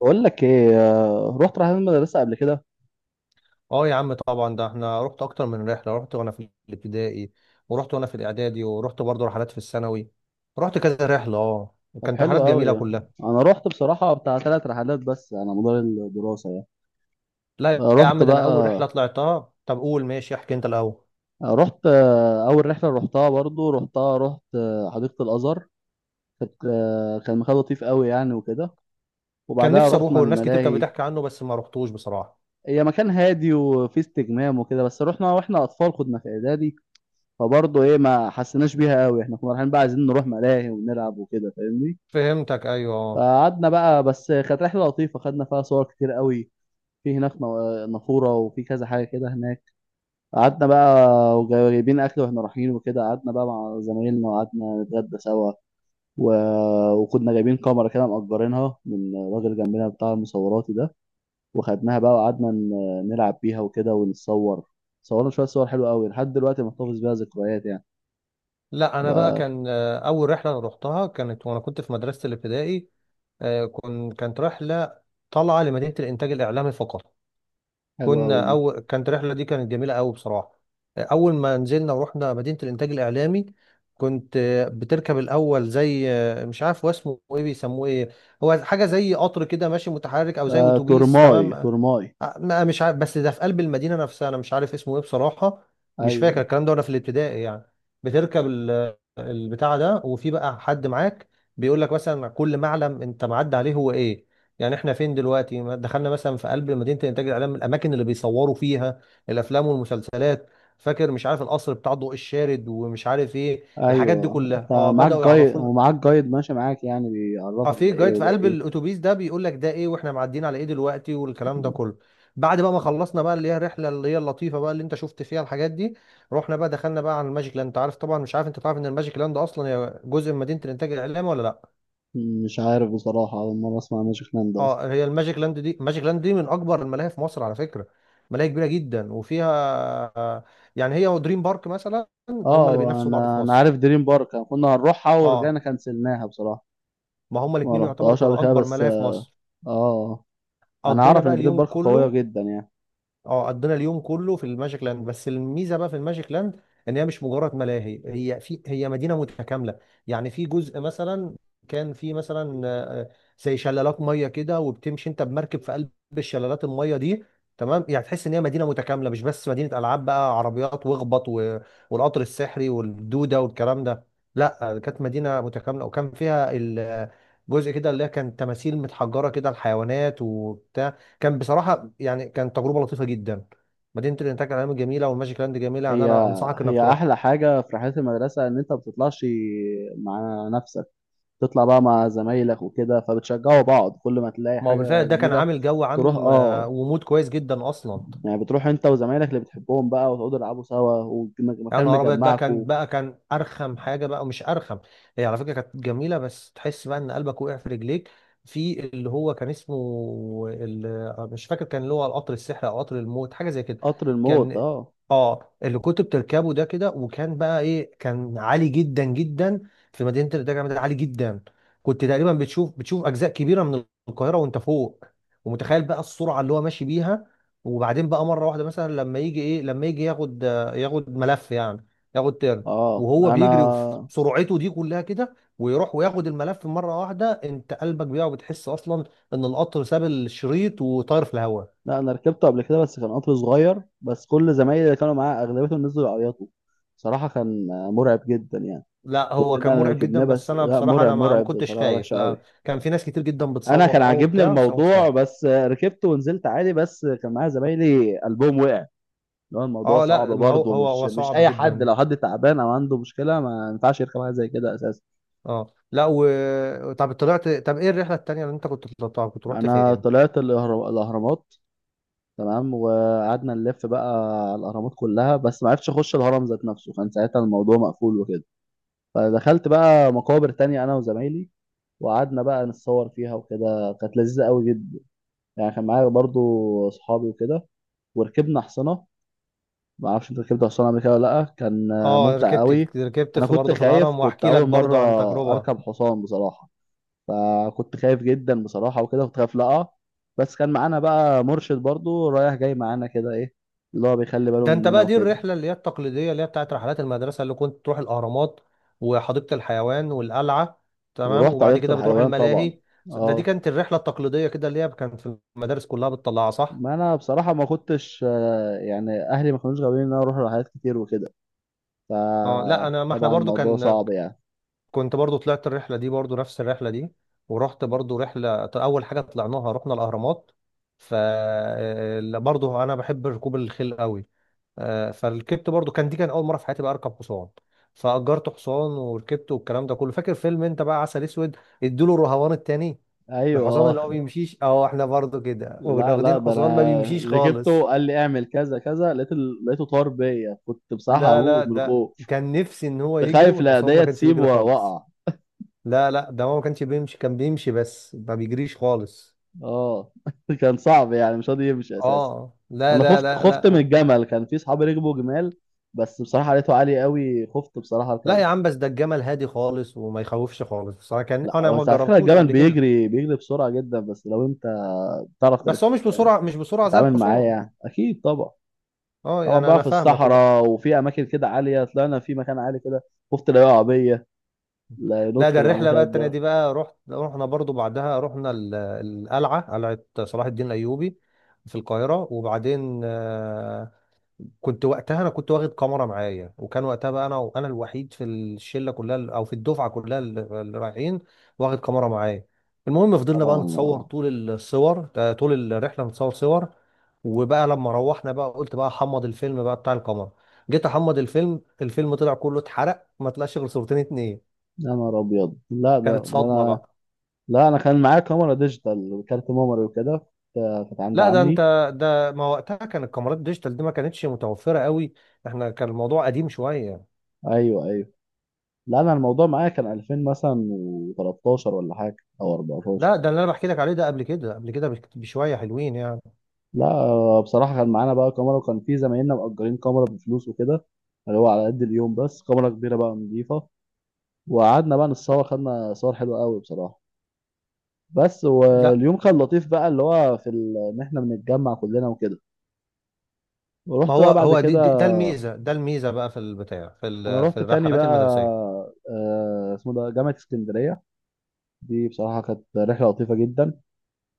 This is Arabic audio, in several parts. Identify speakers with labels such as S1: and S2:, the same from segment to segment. S1: بقول لك ايه، رحت رحلات مدرسة قبل كده.
S2: اه يا عم طبعا ده احنا رحت اكتر من رحله. رحت وانا في الابتدائي، ورحت وانا في الاعدادي، ورحت برضه رحلات في الثانوي. رحت كذا رحله اه
S1: طب
S2: وكانت
S1: حلو
S2: رحلات جميله
S1: قوي.
S2: كلها.
S1: انا رحت بصراحة بتاع ثلاث رحلات بس على مدار الدراسة يعني.
S2: لا
S1: آه،
S2: يا
S1: رحت
S2: عم ده
S1: بقى
S2: انا اول رحله طلعتها. طب قول ماشي، احكي انت الاول.
S1: آه، رحت آه، اول رحلة رحتها برضو رحتها رحت آه، حديقة الازهر. كان مكان لطيف قوي يعني وكده،
S2: كان
S1: وبعدها
S2: نفسي اروحه
S1: رحنا
S2: والناس كتير كانت
S1: الملاهي.
S2: بتحكي عنه بس ما رحتوش بصراحه.
S1: هي مكان هادي وفيه استجمام وكده، بس رحنا واحنا اطفال كنا في اعدادي، فبرضه ايه ما حسيناش بيها قوي، احنا كنا رايحين بقى عايزين نروح ملاهي ونلعب وكده، فاهمني؟
S2: فهمتك، ايوه، اه.
S1: فقعدنا بقى، بس كانت رحله لطيفه خدنا فيها صور كتير قوي. في هناك نافوره وفي كذا حاجه كده هناك. قعدنا بقى وجايبين اكل واحنا رايحين وكده، قعدنا بقى مع زمايلنا وقعدنا نتغدى سوا و... وكنا جايبين كاميرا كده مأجرينها من راجل جنبنا بتاع المصوراتي ده، وخدناها بقى وقعدنا نلعب بيها وكده ونتصور. صورنا شويه صور حلوه قوي، لحد دلوقتي محتفظ بيها ذكريات يعني.
S2: لا انا بقى
S1: ف-
S2: كان اول رحله انا رحتها كانت وانا كنت في مدرسه الابتدائي. آه، كن كانت رحله طالعه لمدينه الانتاج الاعلامي فقط.
S1: حلوه قوي
S2: كنا
S1: دي.
S2: أول كانت الرحلة دي كانت جميلة أوي بصراحة. أول ما نزلنا ورحنا مدينة الإنتاج الإعلامي. كنت بتركب الأول زي مش عارف هو اسمه إيه، بيسموه إيه. هو حاجة زي قطر كده ماشي متحرك أو زي
S1: آه،
S2: أتوبيس،
S1: تورماي
S2: تمام.
S1: تورماي.
S2: ما مش عارف، بس ده في قلب المدينة نفسها، أنا مش عارف اسمه إيه بصراحة. مش فاكر
S1: ايوه
S2: الكلام ده وأنا في الابتدائي يعني. بتركب البتاع ده، وفي بقى حد معاك بيقول لك مثلا كل معلم أنت معدي عليه هو إيه. يعني إحنا فين دلوقتي، ما دخلنا مثلا في قلب مدينة إنتاج الإعلام، الأماكن اللي بيصوروا فيها الأفلام والمسلسلات. فاكر مش عارف القصر بتاع ضوء الشارد ومش عارف إيه، الحاجات دي
S1: ايوه،
S2: كلها.
S1: انت
S2: أه، بدأوا
S1: معاك جايد
S2: يعرفونا.
S1: ومعاك جايد ماشي معاك يعني
S2: اه،
S1: بيعرفك ده
S2: في
S1: ايه
S2: جايد في
S1: وده
S2: قلب
S1: ايه.
S2: الاتوبيس ده بيقول لك ده ايه واحنا معديين على ايه دلوقتي والكلام ده
S1: م-
S2: كله. بعد بقى ما خلصنا بقى اللي هي الرحله اللي هي اللطيفه بقى اللي انت شفت فيها الحاجات دي، رحنا بقى دخلنا بقى على الماجيك لاند. انت عارف طبعا، مش عارف، انت تعرف ان الماجيك لاند اصلا هي جزء من مدينه الانتاج الاعلامي ولا لا؟
S1: مش عارف بصراحة، أول مرة أسمع ماجيك لاند أصلا.
S2: اه، هي الماجيك لاند دي، الماجيك لاند دي من اكبر الملاهي في مصر على فكره. ملاهي كبيره جدا وفيها آه، يعني هي ودريم بارك مثلا هم اللي
S1: اه،
S2: بينافسوا بعض في
S1: أنا عارف
S2: مصر.
S1: دريم بارك، كنا هنروحها
S2: اه
S1: ورجعنا كنسلناها بصراحة.
S2: ما هم
S1: ما
S2: الاثنين يعتبروا
S1: رحتهاش قبل
S2: كانوا
S1: كده
S2: اكبر
S1: بس.
S2: ملاهي في مصر.
S1: اه. أنا
S2: قضينا
S1: أعرف
S2: بقى
S1: إن دريم
S2: اليوم
S1: بارك قوية
S2: كله.
S1: جدا يعني.
S2: اه قضينا اليوم كله في الماجيك لاند. بس الميزه بقى في الماجيك لاند ان هي مش مجرد ملاهي، هي في هي مدينه متكامله. يعني في جزء مثلا كان في مثلا زي شلالات ميه كده، وبتمشي انت بمركب في قلب الشلالات الميه دي، تمام. يعني تحس ان هي مدينه متكامله، مش بس مدينه العاب بقى عربيات واخبط والقطر السحري والدوده والكلام ده. لا كانت مدينه متكامله وكان فيها جزء كده اللي هي كان تماثيل متحجره كده الحيوانات وبتاع. كان بصراحه يعني كانت تجربه لطيفه جدا. مدينه الانتاج العلمي جميله والماجيك لاند جميله، يعني
S1: هي
S2: انا انصحك
S1: هي
S2: انك تروح.
S1: أحلى حاجة في رحلات المدرسة إن أنت ما بتطلعش مع نفسك، تطلع بقى مع زمايلك وكده فبتشجعوا بعض كل ما تلاقي
S2: ما هو
S1: حاجة
S2: بالفعل ده كان
S1: جديدة.
S2: عامل جو
S1: تروح
S2: عام
S1: اه،
S2: ومود كويس جدا اصلا.
S1: يعني بتروح انت وزمايلك اللي بتحبهم بقى وتقعدوا تلعبوا سوا
S2: يا
S1: ومكان
S2: نهار ابيض بقى، كان
S1: مجمعكم.
S2: بقى كان ارخم حاجه بقى، مش ارخم، هي على فكره كانت جميله، بس تحس بقى ان قلبك وقع في رجليك. في اللي هو كان اسمه مش فاكر، كان اللي هو القطر السحر او قطر الموت حاجه زي كده.
S1: قطر الموت
S2: كان
S1: اه.
S2: اه اللي كنت بتركبه ده كده، وكان بقى ايه كان عالي جدا جدا. في مدينه الدجا ده عالي جدا. كنت تقريبا بتشوف اجزاء كبيره من القاهره وانت فوق، ومتخيل بقى السرعه اللي هو ماشي بيها. وبعدين بقى مره واحده مثلا لما يجي ايه، لما يجي ياخد، ياخد ملف يعني، ياخد ترن،
S1: اه
S2: وهو بيجري في سرعته دي كلها كده ويروح وياخد الملف مرة واحدة، انت قلبك بيقع وبتحس اصلا ان القطر ساب الشريط وطاير في الهواء.
S1: لا انا ركبته قبل كده بس كان قطر صغير، بس كل زمايلي اللي كانوا معايا اغلبيتهم نزلوا يعيطوا. صراحة كان مرعب جدا يعني.
S2: لا هو
S1: كلنا
S2: كان
S1: انا
S2: مرعب
S1: ركبناه،
S2: جدا، بس
S1: بس
S2: انا
S1: لا،
S2: بصراحة
S1: مرعب
S2: انا ما
S1: مرعب
S2: كنتش
S1: بطريقة
S2: خايف.
S1: وحشة
S2: لا
S1: قوي.
S2: كان في ناس كتير جدا
S1: انا كان
S2: بتصوت اه
S1: عاجبني
S2: وبتاع، بس انا ما كنتش
S1: الموضوع،
S2: خايف.
S1: بس ركبت ونزلت عادي، بس كان معايا زمايلي قلبهم وقع. اللي هو الموضوع
S2: اه
S1: صعب
S2: لا ما هو
S1: برضه،
S2: هو
S1: مش
S2: هو
S1: مش
S2: صعب
S1: اي حد،
S2: جدا.
S1: لو حد تعبان او عنده مشكلة ما ينفعش يركب حاجة زي كده اساسا.
S2: اه لا طب طلعت، طب ايه الرحلة التانية اللي انت كنت طلعتها، كنت رحت
S1: انا
S2: فين؟
S1: طلعت الاهرامات، تمام، وقعدنا نلف بقى على الاهرامات كلها، بس ما عرفتش اخش الهرم ذات نفسه، كان ساعتها الموضوع مقفول وكده، فدخلت بقى مقابر تانية انا وزمايلي، وقعدنا بقى نتصور فيها وكده، كانت لذيذة قوي جدا يعني. كان معايا برضو صحابي وكده، وركبنا حصانة. ما اعرفش انت ركبت حصانة قبل كده ولا لا؟ كان
S2: اه
S1: ممتع قوي.
S2: ركبت
S1: انا
S2: في
S1: كنت
S2: برضه في
S1: خايف،
S2: الهرم،
S1: كنت
S2: واحكي لك
S1: اول مرة
S2: برضه عن تجربة.
S1: اركب حصان بصراحة، فكنت خايف جدا بصراحة وكده، كنت خايف لا أقع، بس كان معانا بقى مرشد برضو رايح جاي معانا كده ايه، اللي هو بيخلي باله
S2: ده انت
S1: مننا
S2: بقى دي
S1: وكده.
S2: الرحله اللي هي التقليديه اللي هي بتاعت رحلات المدرسه اللي كنت تروح الاهرامات وحديقه الحيوان والقلعه، تمام،
S1: ورحت
S2: وبعد
S1: حديقة
S2: كده بتروح
S1: الحيوان طبعا،
S2: الملاهي. ده دي
S1: اه.
S2: كانت الرحله التقليديه كده اللي هي كانت في المدارس كلها بتطلعها، صح؟
S1: ما انا بصراحة ما كنتش يعني، اهلي ما كانوش غاويين ان انا اروح رحلات كتير وكده،
S2: اه لا انا، ما احنا
S1: فطبعا
S2: برضو
S1: الموضوع
S2: كان،
S1: صعب يعني.
S2: كنت برضو طلعت الرحله دي، برضو نفس الرحله دي. ورحت برضو رحله، اول حاجه طلعناها رحنا الاهرامات. ف برضو انا بحب ركوب الخيل قوي. فركبت، برضو كان دي كان اول مره في حياتي بقى اركب حصان. فاجرت حصان وركبته والكلام ده كله. فاكر فيلم انت بقى عسل اسود، ادوا له الرهوان التاني،
S1: ايوه
S2: الحصان اللي
S1: اه.
S2: هو بيمشيش؟ اه احنا برضو كده
S1: لا لا،
S2: واخدين
S1: ده
S2: حصان ما
S1: انا
S2: بيمشيش
S1: ركبته
S2: خالص.
S1: قال لي اعمل كذا كذا، لقيت لقيته طار بيا، كنت بصراحة
S2: لا لا
S1: هموت من
S2: ده
S1: الخوف.
S2: كان نفسي ان هو
S1: كنت
S2: يجري،
S1: خايف
S2: والحصان ما
S1: العيدية
S2: كانش
S1: تسيبه
S2: بيجري خالص.
S1: واقع.
S2: لا لا ده هو ما كانش بيمشي، كان بيمشي بس ما بيجريش خالص.
S1: اه كان صعب يعني، مش راضي يمشي اساسا.
S2: اه لا
S1: انا
S2: لا لا
S1: خفت
S2: لا
S1: من الجمل، كان في صحابي ركبوا جمال، بس بصراحه لقيته عالي قوي، خفت بصراحه
S2: لا
S1: اركبه.
S2: يا عم بس ده الجمل هادي خالص وما يخوفش خالص بصراحه، كان
S1: لا،
S2: انا
S1: هو
S2: ما
S1: على فكره
S2: جربتوش
S1: الجمل
S2: قبل كده.
S1: بيجري بيجري بسرعه جدا، بس لو انت بتعرف ترك-
S2: بس هو مش بسرعه، مش بسرعه زي
S1: تتعامل معاه
S2: الحصان.
S1: يعني، اكيد طبعا.
S2: اه
S1: طبعا
S2: يعني
S1: بقى
S2: انا
S1: في
S2: فاهمك
S1: الصحراء وفي اماكن كده عاليه، طلعنا في مكان عالي كده، خفت لا يقع بيا، لا
S2: لا
S1: ينط
S2: ده
S1: من على
S2: الرحله بقى
S1: المكان
S2: التانيه
S1: ده.
S2: دي بقى رحت، رحنا برضو بعدها رحنا القلعه، قلعه صلاح الدين الايوبي في القاهره. وبعدين كنت وقتها انا كنت واخد كاميرا معايا، وكان وقتها بقى انا، وانا الوحيد في الشله كلها او في الدفعه كلها اللي اللي رايحين، واخد كاميرا معايا. المهم فضلنا بقى نتصور
S1: طبعا.
S2: طول الصور طول الرحله نتصور صور. وبقى لما روحنا بقى قلت بقى احمض الفيلم بقى بتاع الكاميرا. جيت احمض الفيلم، الفيلم طلع كله اتحرق، ما طلعش غير صورتين اتنين.
S1: يا نهار ابيض. لا
S2: كانت
S1: ده
S2: صدمه
S1: انا.
S2: بقى.
S1: لا انا كان معايا كاميرا ديجيتال وكارت ميموري وكده، كانت عند
S2: لا ده انت،
S1: عمي.
S2: ده ما وقتها كان الكاميرات ديجيتال دي ما كانتش متوفره قوي. احنا كان الموضوع قديم شويه.
S1: ايوه ايوه. لا انا الموضوع معايا كان 2000 مثلا و13 ولا حاجه او 14.
S2: لا ده اللي انا بحكي لك عليه ده قبل كده، قبل كده بشويه حلوين يعني.
S1: لا بصراحه كان معانا بقى كاميرا وكان في زمايلنا مأجرين كاميرا بفلوس وكده، اللي هو على قد اليوم، بس كاميرا كبيره بقى نضيفه. وقعدنا بقى نتصور خدنا صور حلوه قوي بصراحه. بس
S2: لا
S1: واليوم كان لطيف بقى اللي هو ان احنا بنتجمع كلنا وكده.
S2: ما
S1: ورحت
S2: هو
S1: بقى بعد
S2: هو
S1: كده،
S2: ده الميزه، ده الميزه بقى في البتاع في
S1: انا
S2: في
S1: رحت تاني
S2: الرحلات
S1: بقى
S2: المدرسيه.
S1: اسمه ده جامعه اسكندريه. دي بصراحه كانت رحله لطيفه جدا،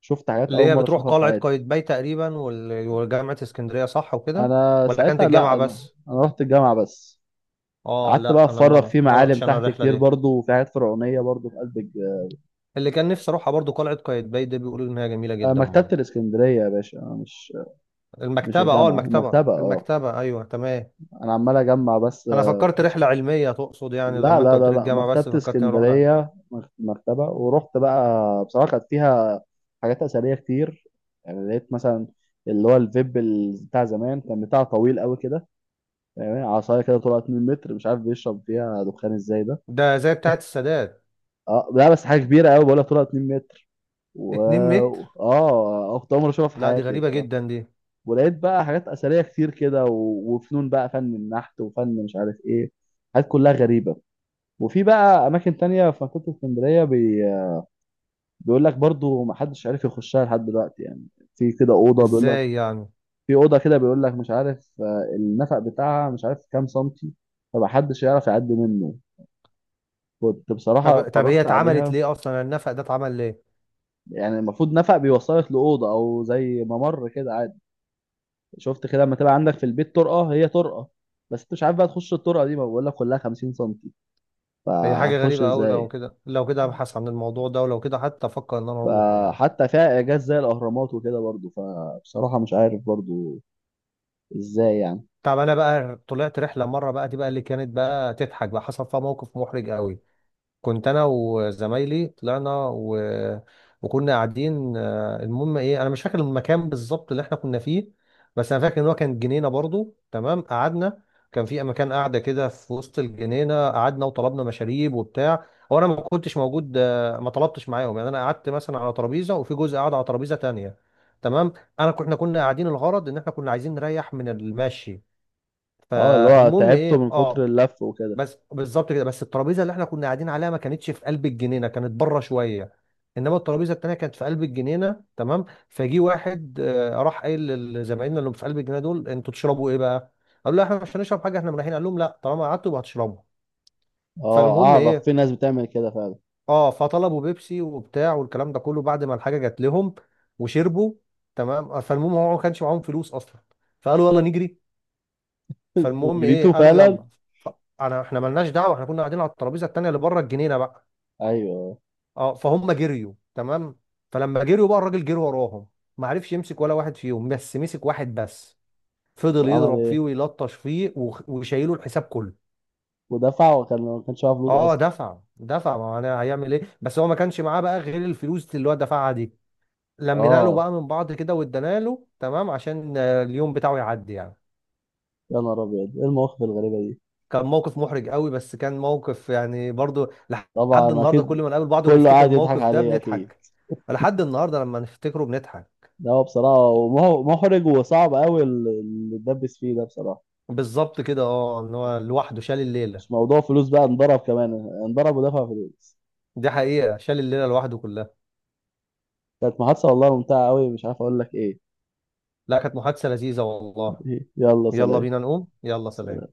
S1: شفت حاجات
S2: اللي
S1: اول
S2: هي
S1: مره
S2: بتروح
S1: اشوفها في
S2: قلعه
S1: حياتي.
S2: قايتباي تقريبا وجامعه اسكندريه، صح وكده،
S1: انا
S2: ولا كانت
S1: ساعتها، لا
S2: الجامعه
S1: انا
S2: بس؟
S1: انا رحت الجامعه بس.
S2: اه
S1: قعدت بقى
S2: لا انا
S1: اتفرج
S2: ما
S1: في
S2: ما
S1: معالم
S2: رحتش انا
S1: تحت
S2: الرحله
S1: كتير
S2: دي.
S1: برضو وفي حاجات فرعونيه برضو في قلب
S2: اللي كان نفسي اروحها برضو قلعه قايتباي، ده بيقولوا ان هي جميله جدا
S1: مكتبه
S2: برضو.
S1: الاسكندريه يا باشا، مش مش
S2: المكتبه، اه
S1: الجامعه،
S2: المكتبه،
S1: المكتبه، اه.
S2: المكتبه ايوه تمام.
S1: انا عمال اجمع بس
S2: انا فكرت رحله علميه تقصد، يعني
S1: لا
S2: لما انت
S1: لا
S2: قلت
S1: لا
S2: لي
S1: لا،
S2: الجامعه
S1: مكتبه
S2: بس فكرت اني اروح لها.
S1: اسكندريه، مكتبه. ورحت بقى بصراحه كانت فيها حاجات اثريه كتير، يعني لقيت مثلا اللي هو الفيب بتاع زمان كان بتاع طويل قوي كده، يعني عصايه كده طلعت 2 متر، مش عارف بيشرب فيها دخان ازاي ده.
S2: ده زي بتاعه السادات.
S1: اه، لا بس حاجه كبيره قوي بقولها طولها 2 متر. و
S2: 2 متر؟
S1: اه، كنت اول مره اشوفها في
S2: لا دي
S1: حياتي
S2: غريبة
S1: بصراحه.
S2: جدا دي.
S1: ولقيت بقى حاجات اثريه كتير كده وفنون بقى، فن النحت وفن مش عارف ايه، حاجات كلها غريبه. وفي بقى اماكن تانية في منطقه اسكندريه بيقول لك برضو ما حدش عارف يخشها لحد دلوقتي يعني، في كده اوضه، بيقول لك
S2: ازاي يعني؟
S1: في اوضه كده، بيقول لك مش عارف النفق بتاعها مش عارف كام سنتي، فمحدش يعرف يعدي منه. كنت بصراحه
S2: طب طب هي
S1: اتفرجت
S2: اتعملت
S1: عليها.
S2: ليه اصلا، يعني النفق ده اتعمل ليه؟
S1: يعني المفروض نفق بيوصلك لأوضة أو زي ممر كده عادي. شفت كده لما تبقى عندك في البيت طرقة هي طرقة، بس أنت مش عارف بقى تخش الطرقة دي، ما بقول لك كلها 50 سنتي،
S2: هي حاجة
S1: فهتخش
S2: غريبة قوي، لو
S1: إزاي؟
S2: كده لو كده ابحث عن الموضوع ده، ولو كده حتى افكر ان انا اروحه يعني.
S1: فحتى فيها إعجاز زي الأهرامات وكده برضو، فبصراحة مش عارف برضو إزاي يعني.
S2: طب انا بقى طلعت رحلة مرة بقى، دي بقى اللي كانت بقى تضحك بقى، حصل فيها موقف محرج قوي. كنت انا وزمايلي طلعنا وكنا قاعدين، المهم ايه، انا مش فاكر المكان بالظبط اللي احنا كنا فيه، بس انا فاكر ان هو كان جنينه برضو، تمام. قعدنا، كان في مكان قاعده كده في وسط الجنينه، قعدنا وطلبنا مشاريب وبتاع. هو انا ما كنتش موجود، ما طلبتش معاهم يعني. انا قعدت مثلا على ترابيزه، وفي جزء قعد على ترابيزه تانية، تمام. انا كنا قاعدين الغرض ان احنا كنا عايزين نريح من المشي.
S1: اه، اللي هو
S2: فالمهم
S1: تعبته
S2: ايه،
S1: من كتر
S2: اه،
S1: اللف وكده.
S2: بس بالظبط كده، بس الترابيزه اللي احنا كنا قاعدين عليها ما كانتش في قلب الجنينه، كانت بره شويه. انما الترابيزه التانيه كانت في قلب الجنينه، تمام. فجي واحد راح قايل لزمايلنا اللي في قلب الجنينه دول: انتوا تشربوا ايه بقى؟ قالوا له احنا مش هنشرب حاجه، احنا رايحين. قال لهم لا، طالما قعدتوا يبقى هتشربوا.
S1: اه،
S2: فالمهم
S1: أعرف
S2: ايه
S1: في ناس بتعمل كده فعلا.
S2: اه، فطلبوا بيبسي وبتاع والكلام ده كله. بعد ما الحاجه جات لهم وشربوا، تمام. فالمهم هو ما كانش معاهم فلوس اصلا. فقالوا يلا نجري. فالمهم ايه،
S1: جريته
S2: قالوا
S1: فعلا.
S2: يلا. ف- انا احنا ملناش دعوه، احنا كنا قاعدين على الترابيزه التانيه اللي بره الجنينه بقى.
S1: أيوه.
S2: اه فهم جريوا، تمام. فلما جريوا بقى الراجل جري وراهم، ما عرفش يمسك ولا واحد فيهم، بس مسك واحد بس. فضل
S1: وعمل
S2: يضرب فيه
S1: إيه
S2: ويلطش فيه وشايله الحساب كله.
S1: ودفع، وكان ما كانش معاه فلوس
S2: اه
S1: أصلا.
S2: دفع. ما انا هيعمل ايه، بس هو ما كانش معاه بقى غير الفلوس اللي هو دفعها دي. لمينا له
S1: اه.
S2: بقى من بعض كده وادانا له، تمام، عشان اليوم بتاعه يعدي يعني.
S1: يا نهار أبيض، إيه المواقف الغريبة دي.
S2: كان موقف محرج قوي، بس كان موقف يعني برضو لحد
S1: طبعا
S2: النهارده كل
S1: اكيد،
S2: ما نقابل بعض
S1: كله
S2: ونفتكر
S1: قاعد يضحك
S2: الموقف ده
S1: عليه اكيد.
S2: بنضحك. لحد النهارده لما نفتكره بنضحك.
S1: ده هو بصراحه محرج وصعب قوي اللي اتدبس فيه ده بصراحه.
S2: بالظبط كده اه ان هو لوحده شال الليله.
S1: مش موضوع فلوس بقى، انضرب كمان، انضرب ودفع فلوس.
S2: دي حقيقه شال الليله لوحده كلها.
S1: كانت محادثه والله ممتعه قوي، مش عارف اقول لك ايه.
S2: لا كانت محادثه لذيذه والله.
S1: يلا
S2: يلا
S1: سلام.
S2: بينا نقوم، يلا سلام.
S1: سلام.